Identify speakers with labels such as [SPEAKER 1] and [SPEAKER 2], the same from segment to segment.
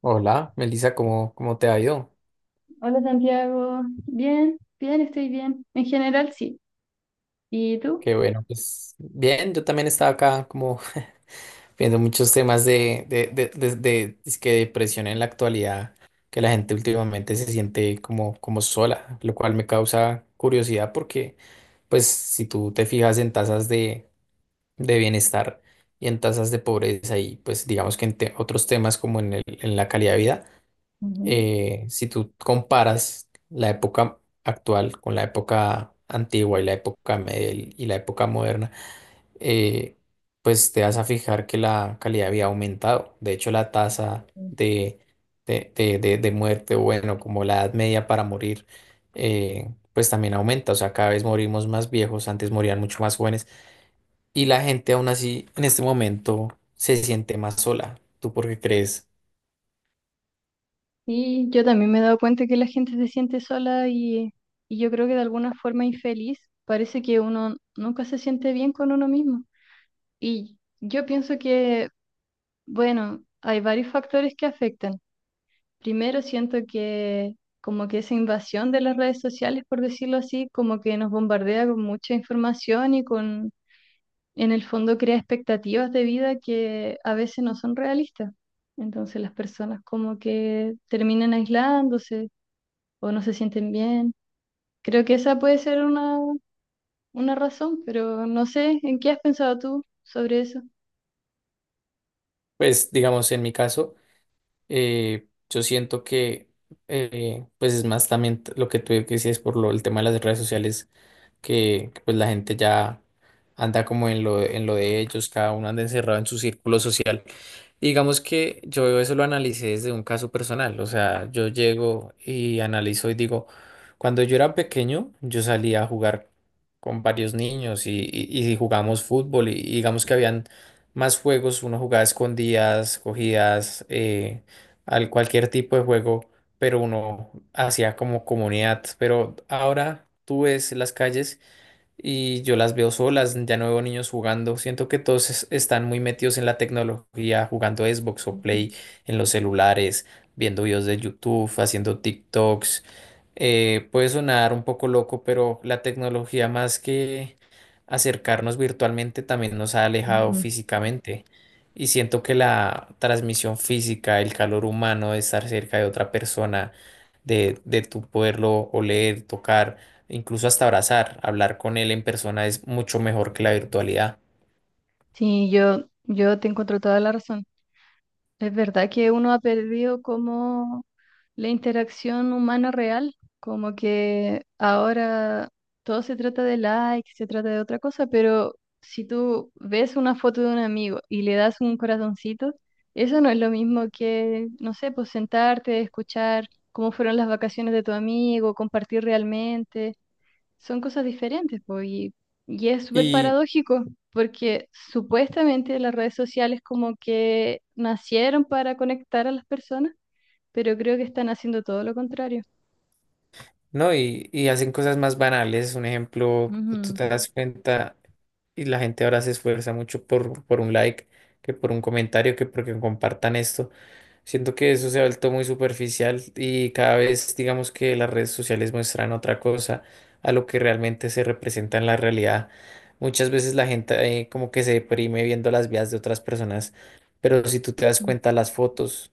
[SPEAKER 1] Hola, Melissa, ¿cómo te ha ido?
[SPEAKER 2] Hola Santiago, bien, estoy bien. En general sí. ¿Y tú?
[SPEAKER 1] Qué bueno, pues bien, yo también estaba acá como viendo muchos temas de dizque depresión en la actualidad, que la gente últimamente se siente como sola, lo cual me causa curiosidad porque pues si tú te fijas en tasas de bienestar y en tasas de pobreza y pues digamos que en otros temas como en en la calidad de vida,
[SPEAKER 2] Ujú.
[SPEAKER 1] si tú comparas la época actual con la época antigua y la época medieval y la época moderna, eh, pues te vas a fijar que la calidad había aumentado. De hecho, la tasa de muerte, o bueno, como la edad media para morir, pues también aumenta. O sea, cada vez morimos más viejos, antes morían mucho más jóvenes y la gente aún así en este momento se siente más sola. ¿Tú por qué crees?
[SPEAKER 2] Sí, yo también me he dado cuenta que la gente se siente sola y yo creo que de alguna forma infeliz. Parece que uno nunca se siente bien con uno mismo. Y yo pienso que bueno, hay varios factores que afectan. Primero, siento que como que esa invasión de las redes sociales, por decirlo así, como que nos bombardea con mucha información y con en el fondo crea expectativas de vida que a veces no son realistas. Entonces las personas como que terminan aislándose o no se sienten bien. Creo que esa puede ser una razón, pero no sé, ¿en qué has pensado tú sobre eso?
[SPEAKER 1] Pues digamos, en mi caso, yo siento que, pues es más también lo que tú decías por lo, el tema de las redes sociales, que pues la gente ya anda como en lo de ellos, cada uno anda encerrado en su círculo social. Y digamos que yo eso lo analicé desde un caso personal, o sea, yo llego y analizo y digo, cuando yo era pequeño, yo salía a jugar con varios niños y jugamos fútbol y digamos que habían más juegos, uno jugaba escondidas, cogidas, al cualquier tipo de juego, pero uno hacía como comunidad, pero ahora tú ves las calles y yo las veo solas, ya no veo niños jugando. Siento que todos están muy metidos en la tecnología, jugando Xbox o Play en los celulares, viendo videos de YouTube, haciendo TikToks. Puede sonar un poco loco, pero la tecnología más que acercarnos virtualmente también nos ha alejado
[SPEAKER 2] Ujú.
[SPEAKER 1] físicamente. Y siento que la transmisión física, el calor humano de estar cerca de otra persona, de tu poderlo oler, tocar incluso hasta abrazar, hablar con él en persona es mucho mejor que la virtualidad.
[SPEAKER 2] Sí, yo te encuentro toda la razón. Es verdad que uno ha perdido como la interacción humana real, como que ahora todo se trata de like, se trata de otra cosa, pero si tú ves una foto de un amigo y le das un corazoncito, eso no es lo mismo que, no sé, pues sentarte, escuchar cómo fueron las vacaciones de tu amigo, compartir realmente son cosas diferentes, y es súper
[SPEAKER 1] Y
[SPEAKER 2] paradójico, porque supuestamente las redes sociales como que nacieron para conectar a las personas, pero creo que están haciendo todo lo contrario.
[SPEAKER 1] no, y hacen cosas más banales. Un ejemplo, tú
[SPEAKER 2] Ujú,
[SPEAKER 1] te das cuenta y la gente ahora se esfuerza mucho por un like, que por un comentario, que porque compartan esto. Siento que eso se ha vuelto muy superficial y cada vez digamos que las redes sociales muestran otra cosa a lo que realmente se representa en la realidad. Muchas veces la gente como que se deprime viendo las vidas de otras personas, pero si tú te das
[SPEAKER 2] ujú,
[SPEAKER 1] cuenta, las fotos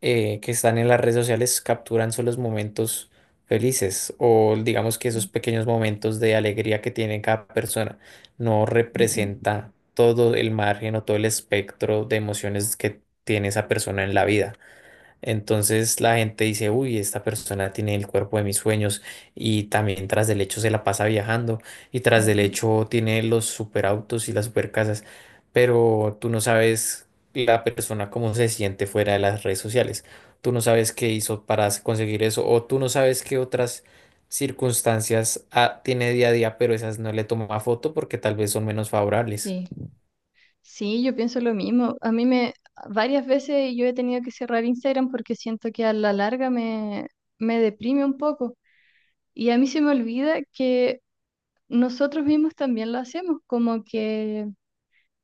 [SPEAKER 1] que están en las redes sociales capturan solo los momentos felices o digamos que esos
[SPEAKER 2] sí,
[SPEAKER 1] pequeños momentos de alegría que tiene cada persona. No
[SPEAKER 2] ujú,
[SPEAKER 1] representa todo el margen o todo el espectro de emociones que tiene esa persona en la vida. Entonces la gente dice, uy, esta persona tiene el cuerpo de mis sueños y también tras del hecho se la pasa viajando y tras del
[SPEAKER 2] ujú.
[SPEAKER 1] hecho tiene los superautos y las supercasas, pero tú no sabes la persona cómo se siente fuera de las redes sociales, tú no sabes qué hizo para conseguir eso o tú no sabes qué otras circunstancias tiene día a día, pero esas no le toma foto porque tal vez son menos favorables.
[SPEAKER 2] Sí, sí, yo pienso lo mismo. Varias veces yo he tenido que cerrar Instagram porque siento que a la larga me deprime un poco. Y a mí se me olvida que nosotros mismos también lo hacemos, como que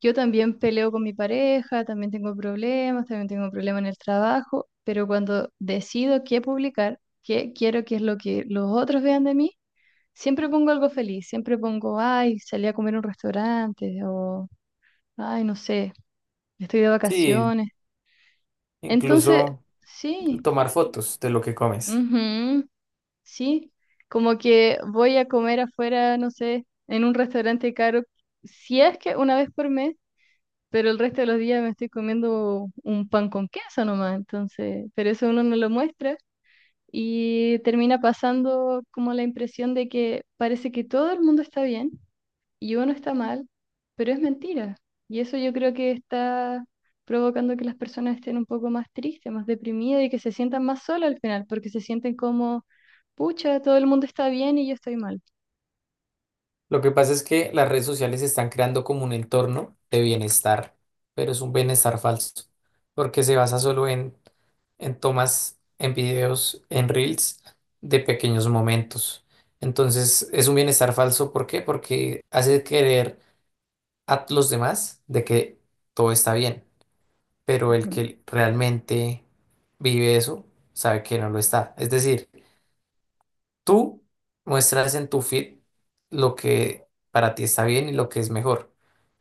[SPEAKER 2] yo también peleo con mi pareja, también tengo problemas en el trabajo, pero cuando decido qué publicar, qué quiero que es lo que los otros vean de mí, siempre pongo algo feliz, siempre pongo, ay, salí a comer a un restaurante, ay, no sé, estoy de
[SPEAKER 1] Sí,
[SPEAKER 2] vacaciones. Entonces,
[SPEAKER 1] incluso
[SPEAKER 2] sí,
[SPEAKER 1] tomar fotos de lo que comes.
[SPEAKER 2] ujú, sí, como que voy a comer afuera, no sé, en un restaurante caro, si es que una vez por mes, pero el resto de los días me estoy comiendo un pan con queso nomás, entonces, pero eso uno no lo muestra y termina pasando como la impresión de que parece que todo el mundo está bien y uno está mal, pero es mentira. Y eso yo creo que está provocando que las personas estén un poco más tristes, más deprimidas y que se sientan más solas al final, porque se sienten como, pucha, todo el mundo está bien y yo estoy mal.
[SPEAKER 1] Lo que pasa es que las redes sociales están creando como un entorno de bienestar, pero es un bienestar falso, porque se basa solo en tomas, en videos, en reels de pequeños momentos. Entonces es un bienestar falso, ¿por qué? Porque hace creer a los demás de que todo está bien, pero el
[SPEAKER 2] Ujú,
[SPEAKER 1] que realmente vive eso sabe que no lo está. Es decir, tú muestras en tu feed lo que para ti está bien y lo que es mejor,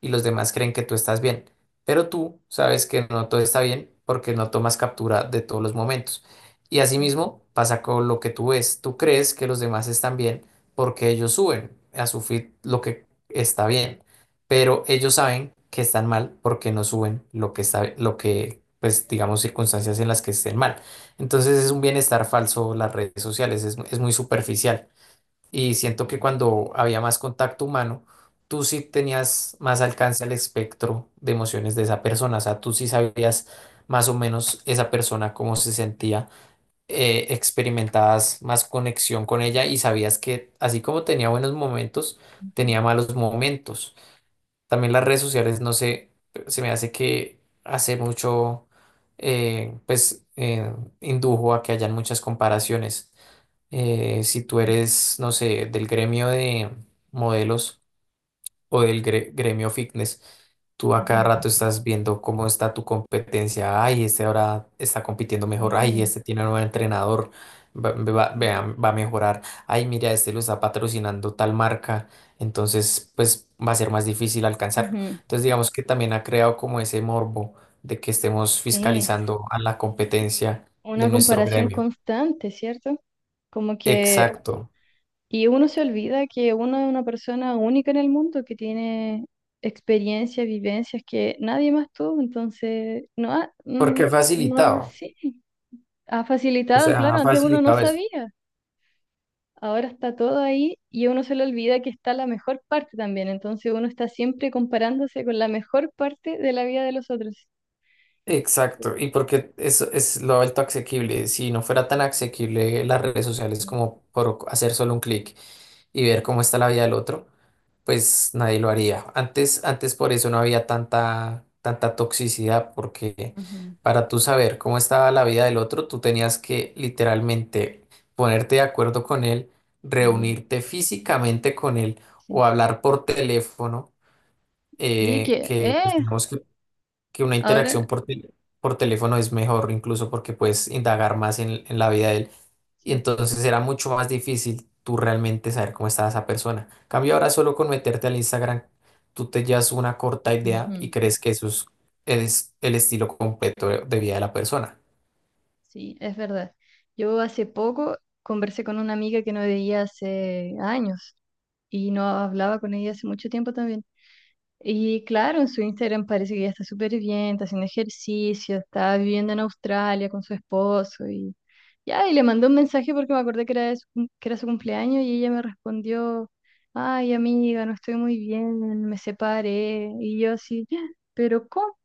[SPEAKER 1] y los demás creen que tú estás bien, pero tú sabes que no todo está bien porque no tomas captura de todos los momentos. Y asimismo pasa con lo que tú ves. Tú crees que los demás están bien porque ellos suben a su feed lo que está bien, pero ellos saben que están mal porque no suben lo que está, lo que, pues digamos, circunstancias en las que estén mal. Entonces es un bienestar falso las redes sociales, es muy superficial. Y siento que cuando había más contacto humano, tú sí tenías más alcance al espectro de emociones de esa persona, o sea, tú sí sabías más o menos esa persona cómo se sentía, experimentabas más conexión con ella y sabías que así como tenía buenos momentos, tenía
[SPEAKER 2] ujú,
[SPEAKER 1] malos momentos. También las redes sociales, no sé, se me hace que hace mucho, eh, pues, eh, indujo a que hayan muchas comparaciones. Si tú eres, no sé, del gremio de modelos, o del gremio fitness. Tú a cada
[SPEAKER 2] ujú.
[SPEAKER 1] rato estás viendo cómo está tu competencia. Ay, este ahora está compitiendo mejor. Ay,
[SPEAKER 2] Sí,
[SPEAKER 1] este tiene un nuevo entrenador. Va, va, vea,
[SPEAKER 2] sí,
[SPEAKER 1] va a mejorar. Ay, mira, este lo está patrocinando tal marca. Entonces, pues va a ser más difícil alcanzarlo.
[SPEAKER 2] ujú.
[SPEAKER 1] Entonces, digamos que también ha creado como ese morbo de que estemos
[SPEAKER 2] Sí.
[SPEAKER 1] fiscalizando a la competencia de
[SPEAKER 2] Una
[SPEAKER 1] nuestro
[SPEAKER 2] comparación
[SPEAKER 1] gremio.
[SPEAKER 2] constante, ¿cierto? Como que,
[SPEAKER 1] Exacto.
[SPEAKER 2] y uno se olvida que uno es una persona única en el mundo que tiene experiencias, vivencias que nadie más tuvo, entonces, no,
[SPEAKER 1] Porque ha
[SPEAKER 2] no,
[SPEAKER 1] facilitado.
[SPEAKER 2] sí, ha
[SPEAKER 1] O
[SPEAKER 2] facilitado,
[SPEAKER 1] sea,
[SPEAKER 2] claro,
[SPEAKER 1] ha
[SPEAKER 2] antes uno no
[SPEAKER 1] facilitado eso.
[SPEAKER 2] sabía, ahora está todo ahí y uno se le olvida que está la mejor parte también, entonces uno está siempre comparándose con la mejor parte de la vida de los otros.
[SPEAKER 1] Exacto, y porque eso es lo alto asequible. Si no fuera tan asequible las redes sociales
[SPEAKER 2] Sí,
[SPEAKER 1] como por hacer solo un clic y ver cómo está la vida del otro, pues nadie lo haría. Antes por eso no había tanta toxicidad, porque
[SPEAKER 2] ujú,
[SPEAKER 1] para tú saber cómo estaba la vida del otro, tú tenías que literalmente ponerte de acuerdo con él,
[SPEAKER 2] sí,
[SPEAKER 1] reunirte físicamente con él o
[SPEAKER 2] sí.
[SPEAKER 1] hablar por teléfono,
[SPEAKER 2] Sí,
[SPEAKER 1] que pues, digamos que una interacción
[SPEAKER 2] ahora...
[SPEAKER 1] por, por teléfono es mejor, incluso porque puedes indagar más en la vida de él. Y entonces era mucho más difícil tú realmente saber cómo estaba esa persona. En cambio ahora solo con meterte al Instagram, tú te llevas una corta idea y
[SPEAKER 2] Ujú.
[SPEAKER 1] crees que eso es el estilo completo de vida de la persona.
[SPEAKER 2] Sí, es verdad. Yo hace poco conversé con una amiga que no veía hace años y no hablaba con ella hace mucho tiempo también. Y claro, en su Instagram parece que ella está súper bien, está haciendo ejercicio, está viviendo en Australia con su esposo y ya, y le mandé un mensaje porque me acordé que era su cumpleaños y ella me respondió, ay amiga, no estoy muy bien, me separé. Y yo así, "Ah, pero ¿cómo?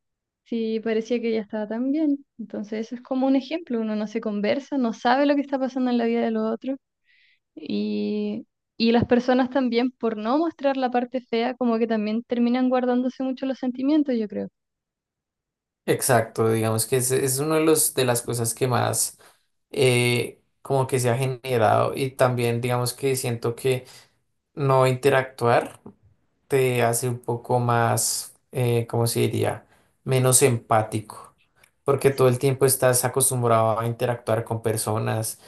[SPEAKER 2] Sí, parecía que ella estaba tan bien". Entonces, eso es como un ejemplo. Uno no se conversa, no sabe lo que está pasando en la vida de los otros. Y, y las personas también, por no mostrar la parte fea, como que también terminan guardándose mucho los sentimientos, yo creo.
[SPEAKER 1] Exacto, digamos que es uno de los de las cosas que más como que se ha generado y también digamos que siento que no interactuar. Te hace un poco más, ¿cómo se diría? Menos empático, porque todo
[SPEAKER 2] Sí.
[SPEAKER 1] el tiempo estás acostumbrado a interactuar con personas.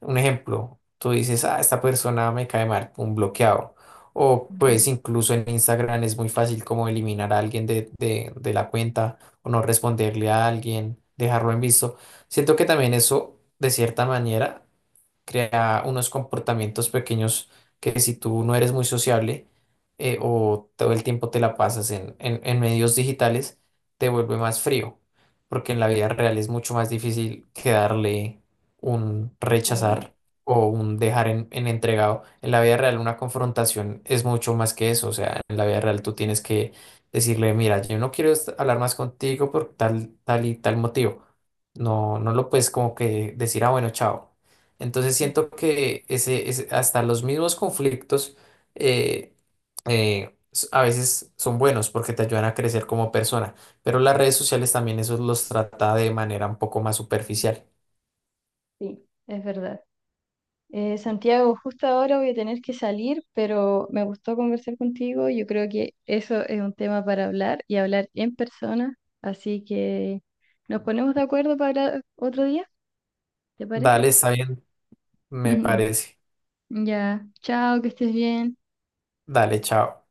[SPEAKER 1] Un ejemplo, tú dices, ah, esta persona me cae mal, un bloqueado. O pues
[SPEAKER 2] Ujú.
[SPEAKER 1] incluso en Instagram es muy fácil como eliminar a alguien de la cuenta o no responderle a alguien, dejarlo en visto. Siento que también eso, de cierta manera, crea unos comportamientos pequeños que si tú no eres muy sociable o todo el tiempo te la pasas en medios digitales, te vuelve más frío, porque en la vida real es mucho más difícil que darle un
[SPEAKER 2] Sí,
[SPEAKER 1] rechazar o un dejar en entregado. En la vida real una confrontación es mucho más que eso, o sea, en la vida real tú
[SPEAKER 2] sí,
[SPEAKER 1] tienes que decirle, mira, yo no quiero hablar más contigo por tal, tal y tal motivo. No, no lo puedes como que decir, ah, bueno, chao. Entonces
[SPEAKER 2] sí,
[SPEAKER 1] siento que hasta los mismos conflictos eh, a veces son buenos porque te ayudan a crecer como persona, pero las redes sociales también eso los trata de manera un poco más superficial.
[SPEAKER 2] sí. Es verdad. Santiago, justo ahora voy a tener que salir, pero me gustó conversar contigo. Yo creo que eso es un tema para hablar y hablar en persona. Así que nos ponemos de acuerdo para otro día, ¿te parece?
[SPEAKER 1] Dale, está bien, me parece.
[SPEAKER 2] Ya, chao, que estés bien.
[SPEAKER 1] Dale, chao.